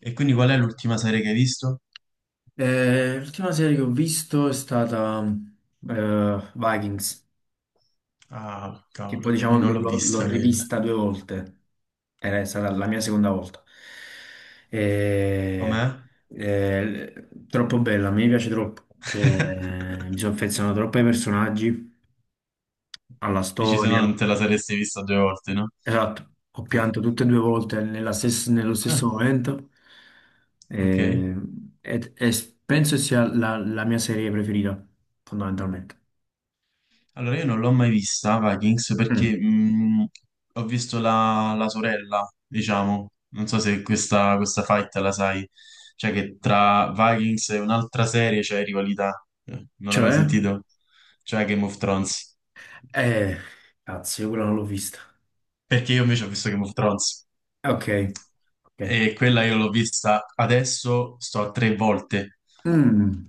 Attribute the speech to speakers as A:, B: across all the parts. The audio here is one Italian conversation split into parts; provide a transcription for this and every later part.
A: E quindi qual è l'ultima serie che hai visto?
B: L'ultima serie che ho visto è stata Vikings,
A: Ah,
B: che poi
A: cavolo,
B: diciamo
A: io non l'ho
B: l'ho
A: vista quella.
B: rivista due volte, era stata la mia seconda volta.
A: Com'è?
B: E- Troppo bella, mi piace troppo. Cioè, mi sono affezionato troppo ai personaggi, alla
A: Dici se no
B: storia.
A: non te la saresti vista due volte, no?
B: Esatto, ho pianto tutte e due volte nella nello stesso
A: Ah,
B: momento
A: ok.
B: e, penso sia la mia serie preferita, fondamentalmente.
A: Allora io non l'ho mai vista Vikings perché
B: Mm.
A: ho visto la sorella, diciamo. Non so se questa fight la sai. Cioè che tra Vikings e un'altra serie c'è rivalità. Non l'hai mai
B: Cioè?
A: sentito? Cioè Game of Thrones.
B: Eh, cazzo, io quella non l'ho vista.
A: Perché io invece ho visto Game of Thrones
B: Ok, ok.
A: e quella io l'ho vista adesso, sto a tre volte
B: Mm.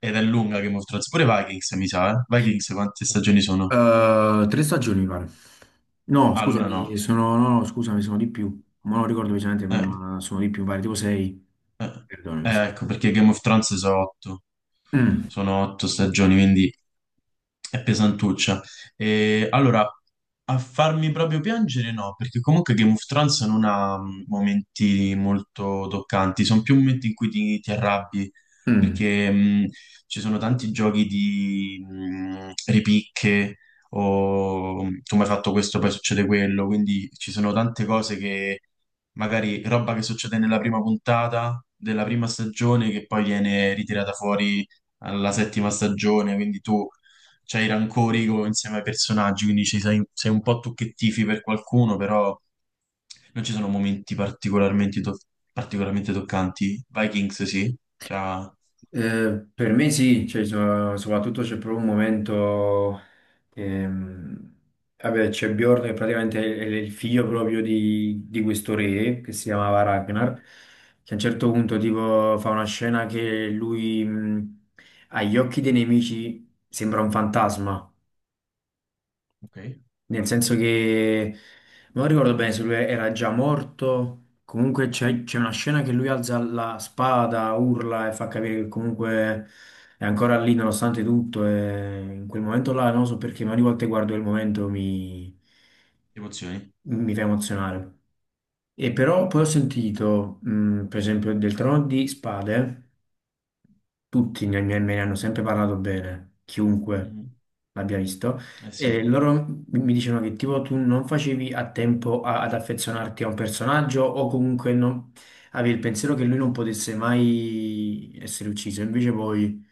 A: ed è lunga Game of Thrones. Pure Vikings mi sa, eh? Vikings quante stagioni sono?
B: Tre stagioni, mi pare. No,
A: Allora
B: scusami,
A: no.
B: sono, no, no, scusami, sono di più. Ma non ricordo precisamente,
A: Eh,
B: ma sono di più, mi pare tipo sei. Perdonami se mi
A: ecco
B: senti.
A: perché Game of Thrones
B: Mm,
A: sono otto stagioni, quindi... È pesantuccia. E, allora, a farmi proprio piangere no, perché comunque Game of Thrones non ha momenti molto toccanti, sono più momenti in cui ti arrabbi,
B: mm.
A: perché ci sono tanti giochi di ripicche o tu mi hai fatto questo, poi succede quello, quindi ci sono tante cose che magari roba che succede nella prima puntata della prima stagione che poi viene ritirata fuori alla settima stagione, quindi tu c'hai i rancori insieme ai personaggi, quindi sei un po' tu che tifi per qualcuno, però non ci sono momenti particolarmente, particolarmente toccanti. Vikings sì, c'ha...
B: Per me sì. Cioè, soprattutto c'è proprio un momento che, vabbè, c'è Bjorn che praticamente è il figlio proprio di questo re che si chiamava Ragnar, che a un certo punto tipo fa una scena che lui agli occhi dei nemici sembra un fantasma.
A: Ok,
B: Nel senso che non ricordo bene se lui era già morto. Comunque c'è una scena che lui alza la spada, urla e fa capire che comunque è ancora lì nonostante tutto. E in quel momento là, non lo so perché, ma ogni volta che guardo quel momento mi,
A: emozioni.
B: mi fa emozionare. E però poi ho
A: Mm,
B: sentito, per esempio, del Trono di Spade tutti me ne hanno sempre parlato bene, chiunque
A: mm.
B: l'abbia visto,
A: Eh sì.
B: e loro mi dicevano che tipo tu non facevi a tempo ad affezionarti a un personaggio o comunque avevi il pensiero che lui non potesse mai essere ucciso, invece poi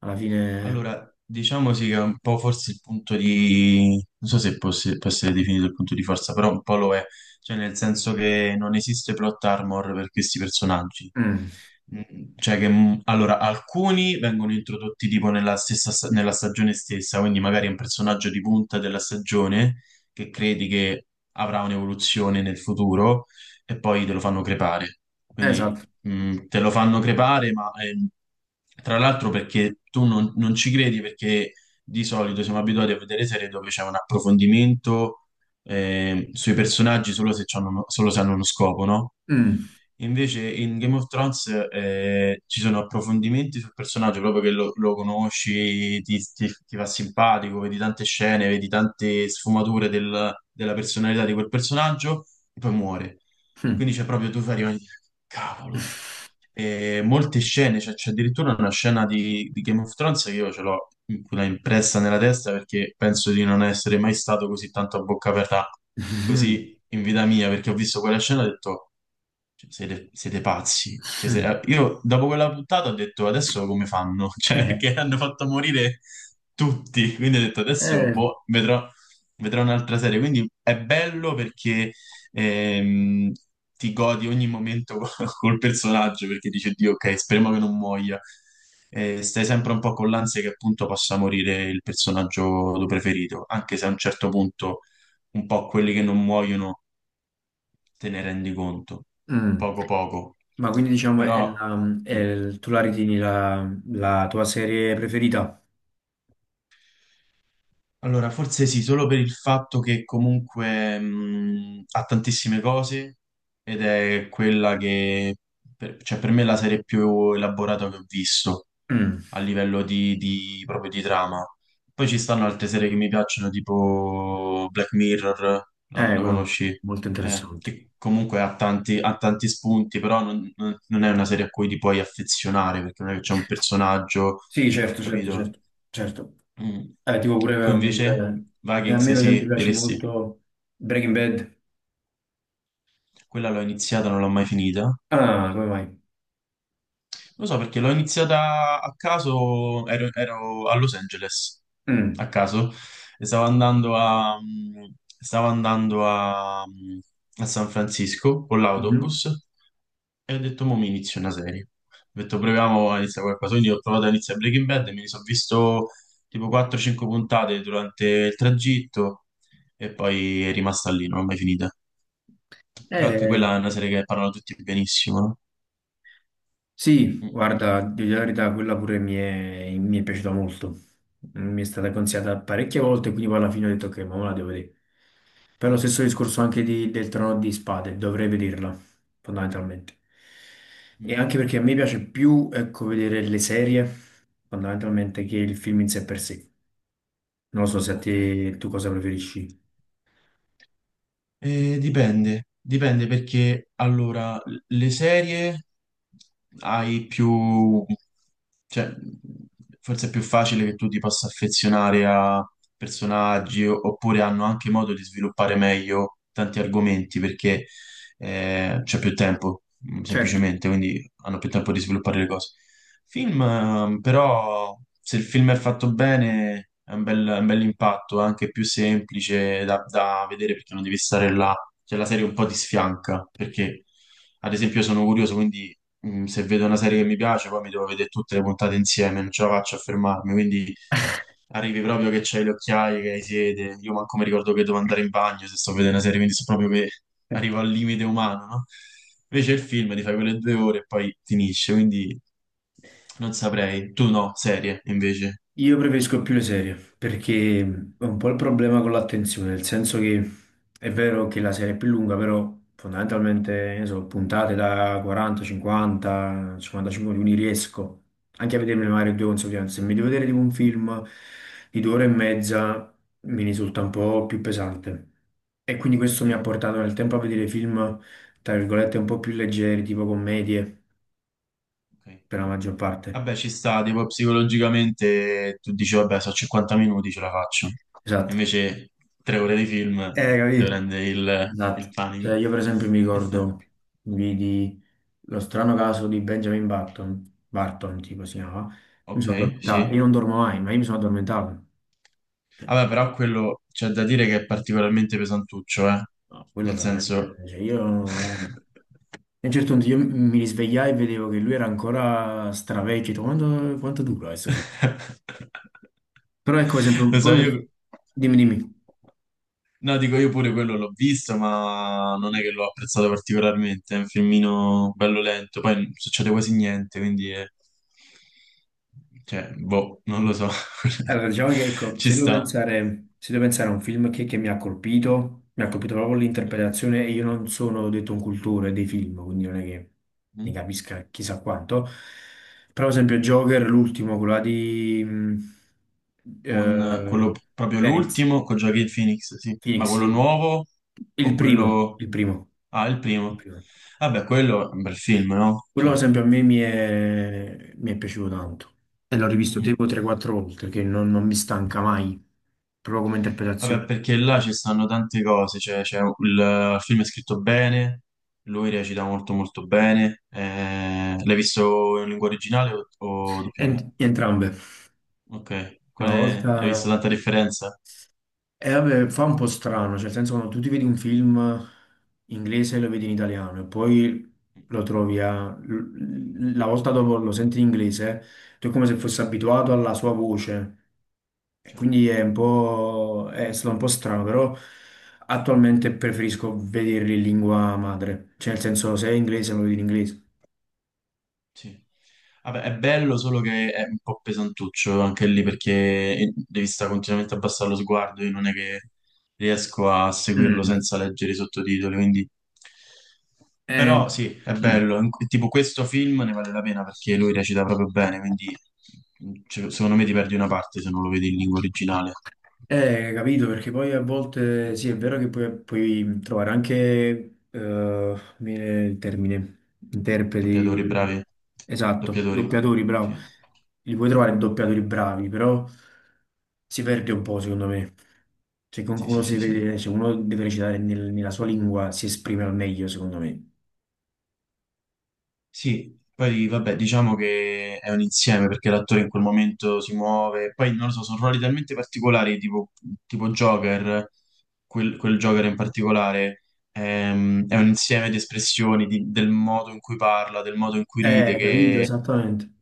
B: alla fine...
A: Allora, diciamo sì che è un po' forse il punto di... non so se può, può essere definito il punto di forza, però un po' lo è, cioè nel senso che non esiste plot armor per questi personaggi.
B: Mm,
A: Mm. Cioè che, allora, alcuni vengono introdotti tipo nella stessa, nella stagione stessa, quindi magari è un personaggio di punta della stagione che credi che avrà un'evoluzione nel futuro e poi te lo fanno crepare. Quindi
B: esatto.
A: Mm, te lo fanno crepare, ma tra l'altro perché tu non ci credi, perché di solito siamo abituati a vedere serie dove c'è un approfondimento sui personaggi solo se, c'hanno solo se hanno uno scopo, no?
B: Mm,
A: Invece in Game of Thrones ci sono approfondimenti sul personaggio proprio che lo conosci, ti fa simpatico, vedi tante scene, vedi tante sfumature della personalità di quel personaggio e poi muore. Quindi
B: mm.
A: c'è proprio tu fai rimani, cavolo. E molte scene, cioè c'è addirittura una scena di Game of Thrones che io ce l'ho in quella impressa nella testa perché penso di non essere mai stato così tanto a bocca aperta così in vita mia, perché ho visto quella scena e ho detto, cioè, siete pazzi. Cioè, io dopo quella puntata ho detto, adesso come fanno? Cioè,
B: Eh,
A: perché hanno fatto morire tutti, quindi ho detto, adesso
B: eh,
A: boh, vedrò, un'altra serie. Quindi è bello perché ehm, ti godi ogni momento col personaggio perché dice Dio, ok, speriamo che non muoia. E stai sempre un po' con l'ansia che appunto possa morire il personaggio tuo preferito, anche se a un certo punto un po' quelli che non muoiono te ne rendi conto,
B: mm.
A: poco poco.
B: Ma quindi diciamo è
A: Però mh,
B: tu la ritieni la, la tua serie preferita?
A: allora forse sì, solo per il fatto che comunque ha tantissime cose ed è quella che per, cioè per me è la serie più elaborata che ho visto.
B: Mm.
A: A livello proprio di trama. Poi ci stanno altre serie che mi piacciono, tipo Black Mirror, la, la
B: Quello è
A: conosci?
B: molto
A: Eh,
B: interessante.
A: che comunque ha tanti spunti, però non è una serie a cui ti puoi affezionare, perché non è che c'è un personaggio,
B: Sì, certo, certo,
A: capito?
B: certo, certo.
A: Mm.
B: Tipo pure,
A: Tu invece,
B: a me
A: Vikings,
B: per esempio
A: sì,
B: piace
A: diresti,
B: molto Breaking Bad.
A: quella l'ho iniziata, non l'ho mai finita.
B: Ah, come mai?
A: Lo so perché l'ho iniziata a caso, ero a Los Angeles,
B: Mm.
A: a caso, e stavo andando a, mm, stavo andando a, mm, a San Francisco con
B: Mhm.
A: l'autobus e ho detto, mo mi inizio una serie. Ho detto, proviamo a iniziare qualcosa. Quindi ho provato a iniziare Breaking Bad e mi sono visto tipo 4-5 puntate durante il tragitto e poi è rimasta lì, non l'ho mai finita. Però anche
B: Eh,
A: quella è una serie che parlano tutti benissimo, no?
B: sì,
A: Mm,
B: guarda, di dire la verità, quella pure mi è piaciuta molto. Mi è stata consigliata parecchie volte, quindi poi alla fine ho detto che ma me la devo vedere. Per lo
A: mm,
B: stesso discorso anche del trono di spade, dovrei vederla, fondamentalmente. E
A: mm.
B: anche perché a me piace più, ecco, vedere le serie, fondamentalmente, che il film in sé per sé. Non lo so se a te
A: Ok.
B: tu cosa preferisci.
A: Dipende perché allora le serie hai più, cioè forse è più facile che tu ti possa affezionare a personaggi oppure hanno anche modo di sviluppare meglio tanti argomenti perché c'è più tempo,
B: Certo.
A: semplicemente, quindi hanno più tempo di sviluppare le cose. Film, però, se il film è fatto bene, è un bel impatto, è anche più semplice da vedere perché non devi stare là. Cioè, la serie un po' ti sfianca, perché, ad esempio, io sono curioso, quindi se vedo una serie che mi piace, poi mi devo vedere tutte le puntate insieme, non ce la faccio a fermarmi, quindi arrivi proprio che c'hai le occhiaie, che hai sete, io manco mi ricordo che devo andare in bagno se sto vedendo una serie, quindi so proprio che
B: Eh.
A: arrivo al limite umano, no? Invece il film ti fai quelle 2 ore e poi finisce, quindi non saprei. Tu no, serie invece.
B: Io preferisco più le serie perché è un po' il problema con l'attenzione, nel senso che è vero che la serie è più lunga, però fondamentalmente ne so, puntate da 40, 50, 55 minuti riesco anche a vedermi magari due consecutive. Se mi devo vedere tipo un film di due ore e mezza mi risulta un po' più pesante. E quindi questo mi ha
A: Sì,
B: portato nel tempo a vedere film, tra virgolette, un po' più leggeri, tipo commedie,
A: ok.
B: per la maggior parte.
A: Vabbè, ci sta, tipo psicologicamente tu dici, vabbè, so 50 minuti, ce la faccio.
B: Esatto.
A: Invece 3 ore di film ti
B: Capì?
A: prende il
B: Esatto,
A: panico.
B: cioè io per esempio mi
A: Ci sta.
B: ricordo, vidi lo strano caso di Benjamin Button, Barton tipo si chiamava, mi sono
A: Ok,
B: addormentato,
A: sì.
B: io non dormo mai, ma io mi sono addormentato. Cioè,
A: Vabbè, però quello c'è da dire che è particolarmente pesantuccio, eh.
B: no, quello
A: Nel
B: veramente,
A: senso...
B: cioè io, non- E a un certo punto io mi risvegliai e vedevo che lui era ancora stravecchio, ho detto, quanto, quanto dura questo film? Però ecco per esempio,
A: Lo
B: poi
A: so,
B: un-
A: io...
B: dimmi.
A: No, dico io pure quello l'ho visto, ma non è che l'ho apprezzato particolarmente. È un filmino bello lento, poi non succede quasi niente, quindi cioè, boh, non lo so.
B: Allora, diciamo che ecco,
A: Ci
B: se devo
A: sta.
B: pensare, se devo pensare a un film che mi ha colpito proprio l'interpretazione e io non sono detto un cultore dei film, quindi non è che ne
A: Mm.
B: capisca chissà quanto. Però, ad esempio, Joker, l'ultimo, quello là di
A: Con quello
B: eh,
A: proprio
B: Phoenix,
A: l'ultimo, con Joaquin Phoenix, sì. Ma
B: Phoenix,
A: quello
B: sì.
A: nuovo
B: Il
A: o
B: primo,
A: quello...
B: il primo,
A: Ah, il
B: il
A: primo.
B: primo.
A: Vabbè, quello è un bel film, no?
B: Quello, ad
A: Cioè...
B: esempio, a me mi è piaciuto tanto e l'ho
A: mm,
B: rivisto
A: mm.
B: tipo 3-4 volte, che non, non mi stanca mai, proprio come
A: Vabbè,
B: interpretazione.
A: perché là ci stanno tante cose, cioè, c'è il film è scritto bene, lui recita molto molto bene. L'hai visto in lingua originale o doppiato?
B: Entrambe.
A: Ok,
B: Una
A: Hai visto
B: volta...
A: tanta differenza?
B: E vabbè, fa un po' strano, cioè nel senso quando tu ti vedi un film inglese e lo vedi in italiano e poi lo trovi a... la volta dopo lo senti in inglese, tu è come se fossi abituato alla sua voce. E
A: Certo,
B: quindi è un po'... è stato un po' strano, però attualmente preferisco vederli in lingua madre. Cioè nel senso se è inglese lo vedi in inglese.
A: sì. Vabbè, è bello, solo che è un po' pesantuccio anche lì perché devi stare continuamente a abbassare lo sguardo. Io non è che riesco a seguirlo
B: Mm.
A: senza leggere i sottotitoli, quindi
B: Eh,
A: però sì, è
B: mm.
A: bello. Tipo questo film ne vale la pena perché lui recita proprio bene, quindi cioè, secondo me ti perdi una parte se non lo vedi in lingua originale.
B: Capito, perché poi a volte sì, è vero che puoi, puoi trovare anche, mi viene il termine,
A: Doppiatori
B: interpreti,
A: bravi.
B: esatto,
A: Doppiatori.
B: doppiatori, bravo,
A: Sì,
B: li puoi trovare doppiatori bravi, però si perde un po', secondo me. Cioè,
A: sì,
B: comunque uno,
A: sì,
B: si
A: sì. Sì.
B: deve, se uno deve recitare nella sua lingua, si esprime al meglio, secondo me.
A: Sì, poi vabbè, diciamo che è un insieme perché l'attore in quel momento si muove, poi non lo so, sono ruoli talmente particolari, tipo Joker, quel Joker in particolare, è un insieme di espressioni, del modo in cui parla, del modo in cui ride,
B: Capito,
A: che
B: esattamente.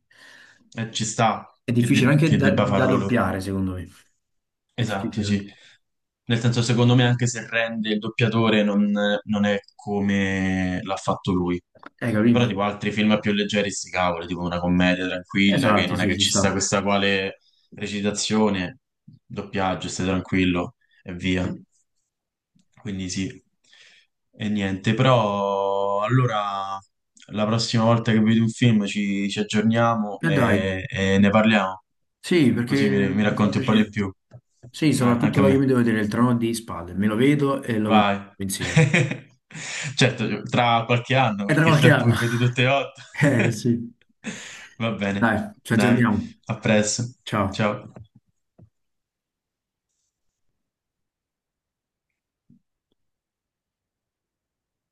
A: ci sta
B: È
A: che,
B: difficile anche
A: che
B: da,
A: debba
B: da
A: farlo lui.
B: doppiare, secondo me. È
A: Esatto,
B: difficile
A: sì.
B: anche.
A: Nel senso, secondo me, anche se rende il doppiatore, non è come l'ha fatto lui. Però,
B: Capito?
A: tipo, altri film più leggeri, sti cavoli, tipo una commedia tranquilla, che
B: Esatto,
A: non è
B: sì,
A: che
B: ci
A: ci sta
B: sta.
A: questa quale recitazione, doppiaggio, stai tranquillo e via. Quindi sì. E niente, però allora la prossima volta che vedi un film ci aggiorniamo
B: E dai.
A: e ne parliamo.
B: Sì,
A: Così
B: perché
A: mi
B: mi fa
A: racconti un po' di
B: piacere.
A: più.
B: Sì,
A: Dai, anche a
B: soprattutto io mi
A: me.
B: devo vedere il trono di spalle, me lo vedo e lo compro
A: Vai.
B: insieme.
A: Certo, tra qualche anno,
B: È tra
A: perché il
B: qualche
A: tempo
B: anno.
A: che vedi tutte e otto.
B: Eh sì.
A: Va bene.
B: Dai, ci
A: Dai,
B: aggiorniamo.
A: a presto.
B: Ciao.
A: Ciao.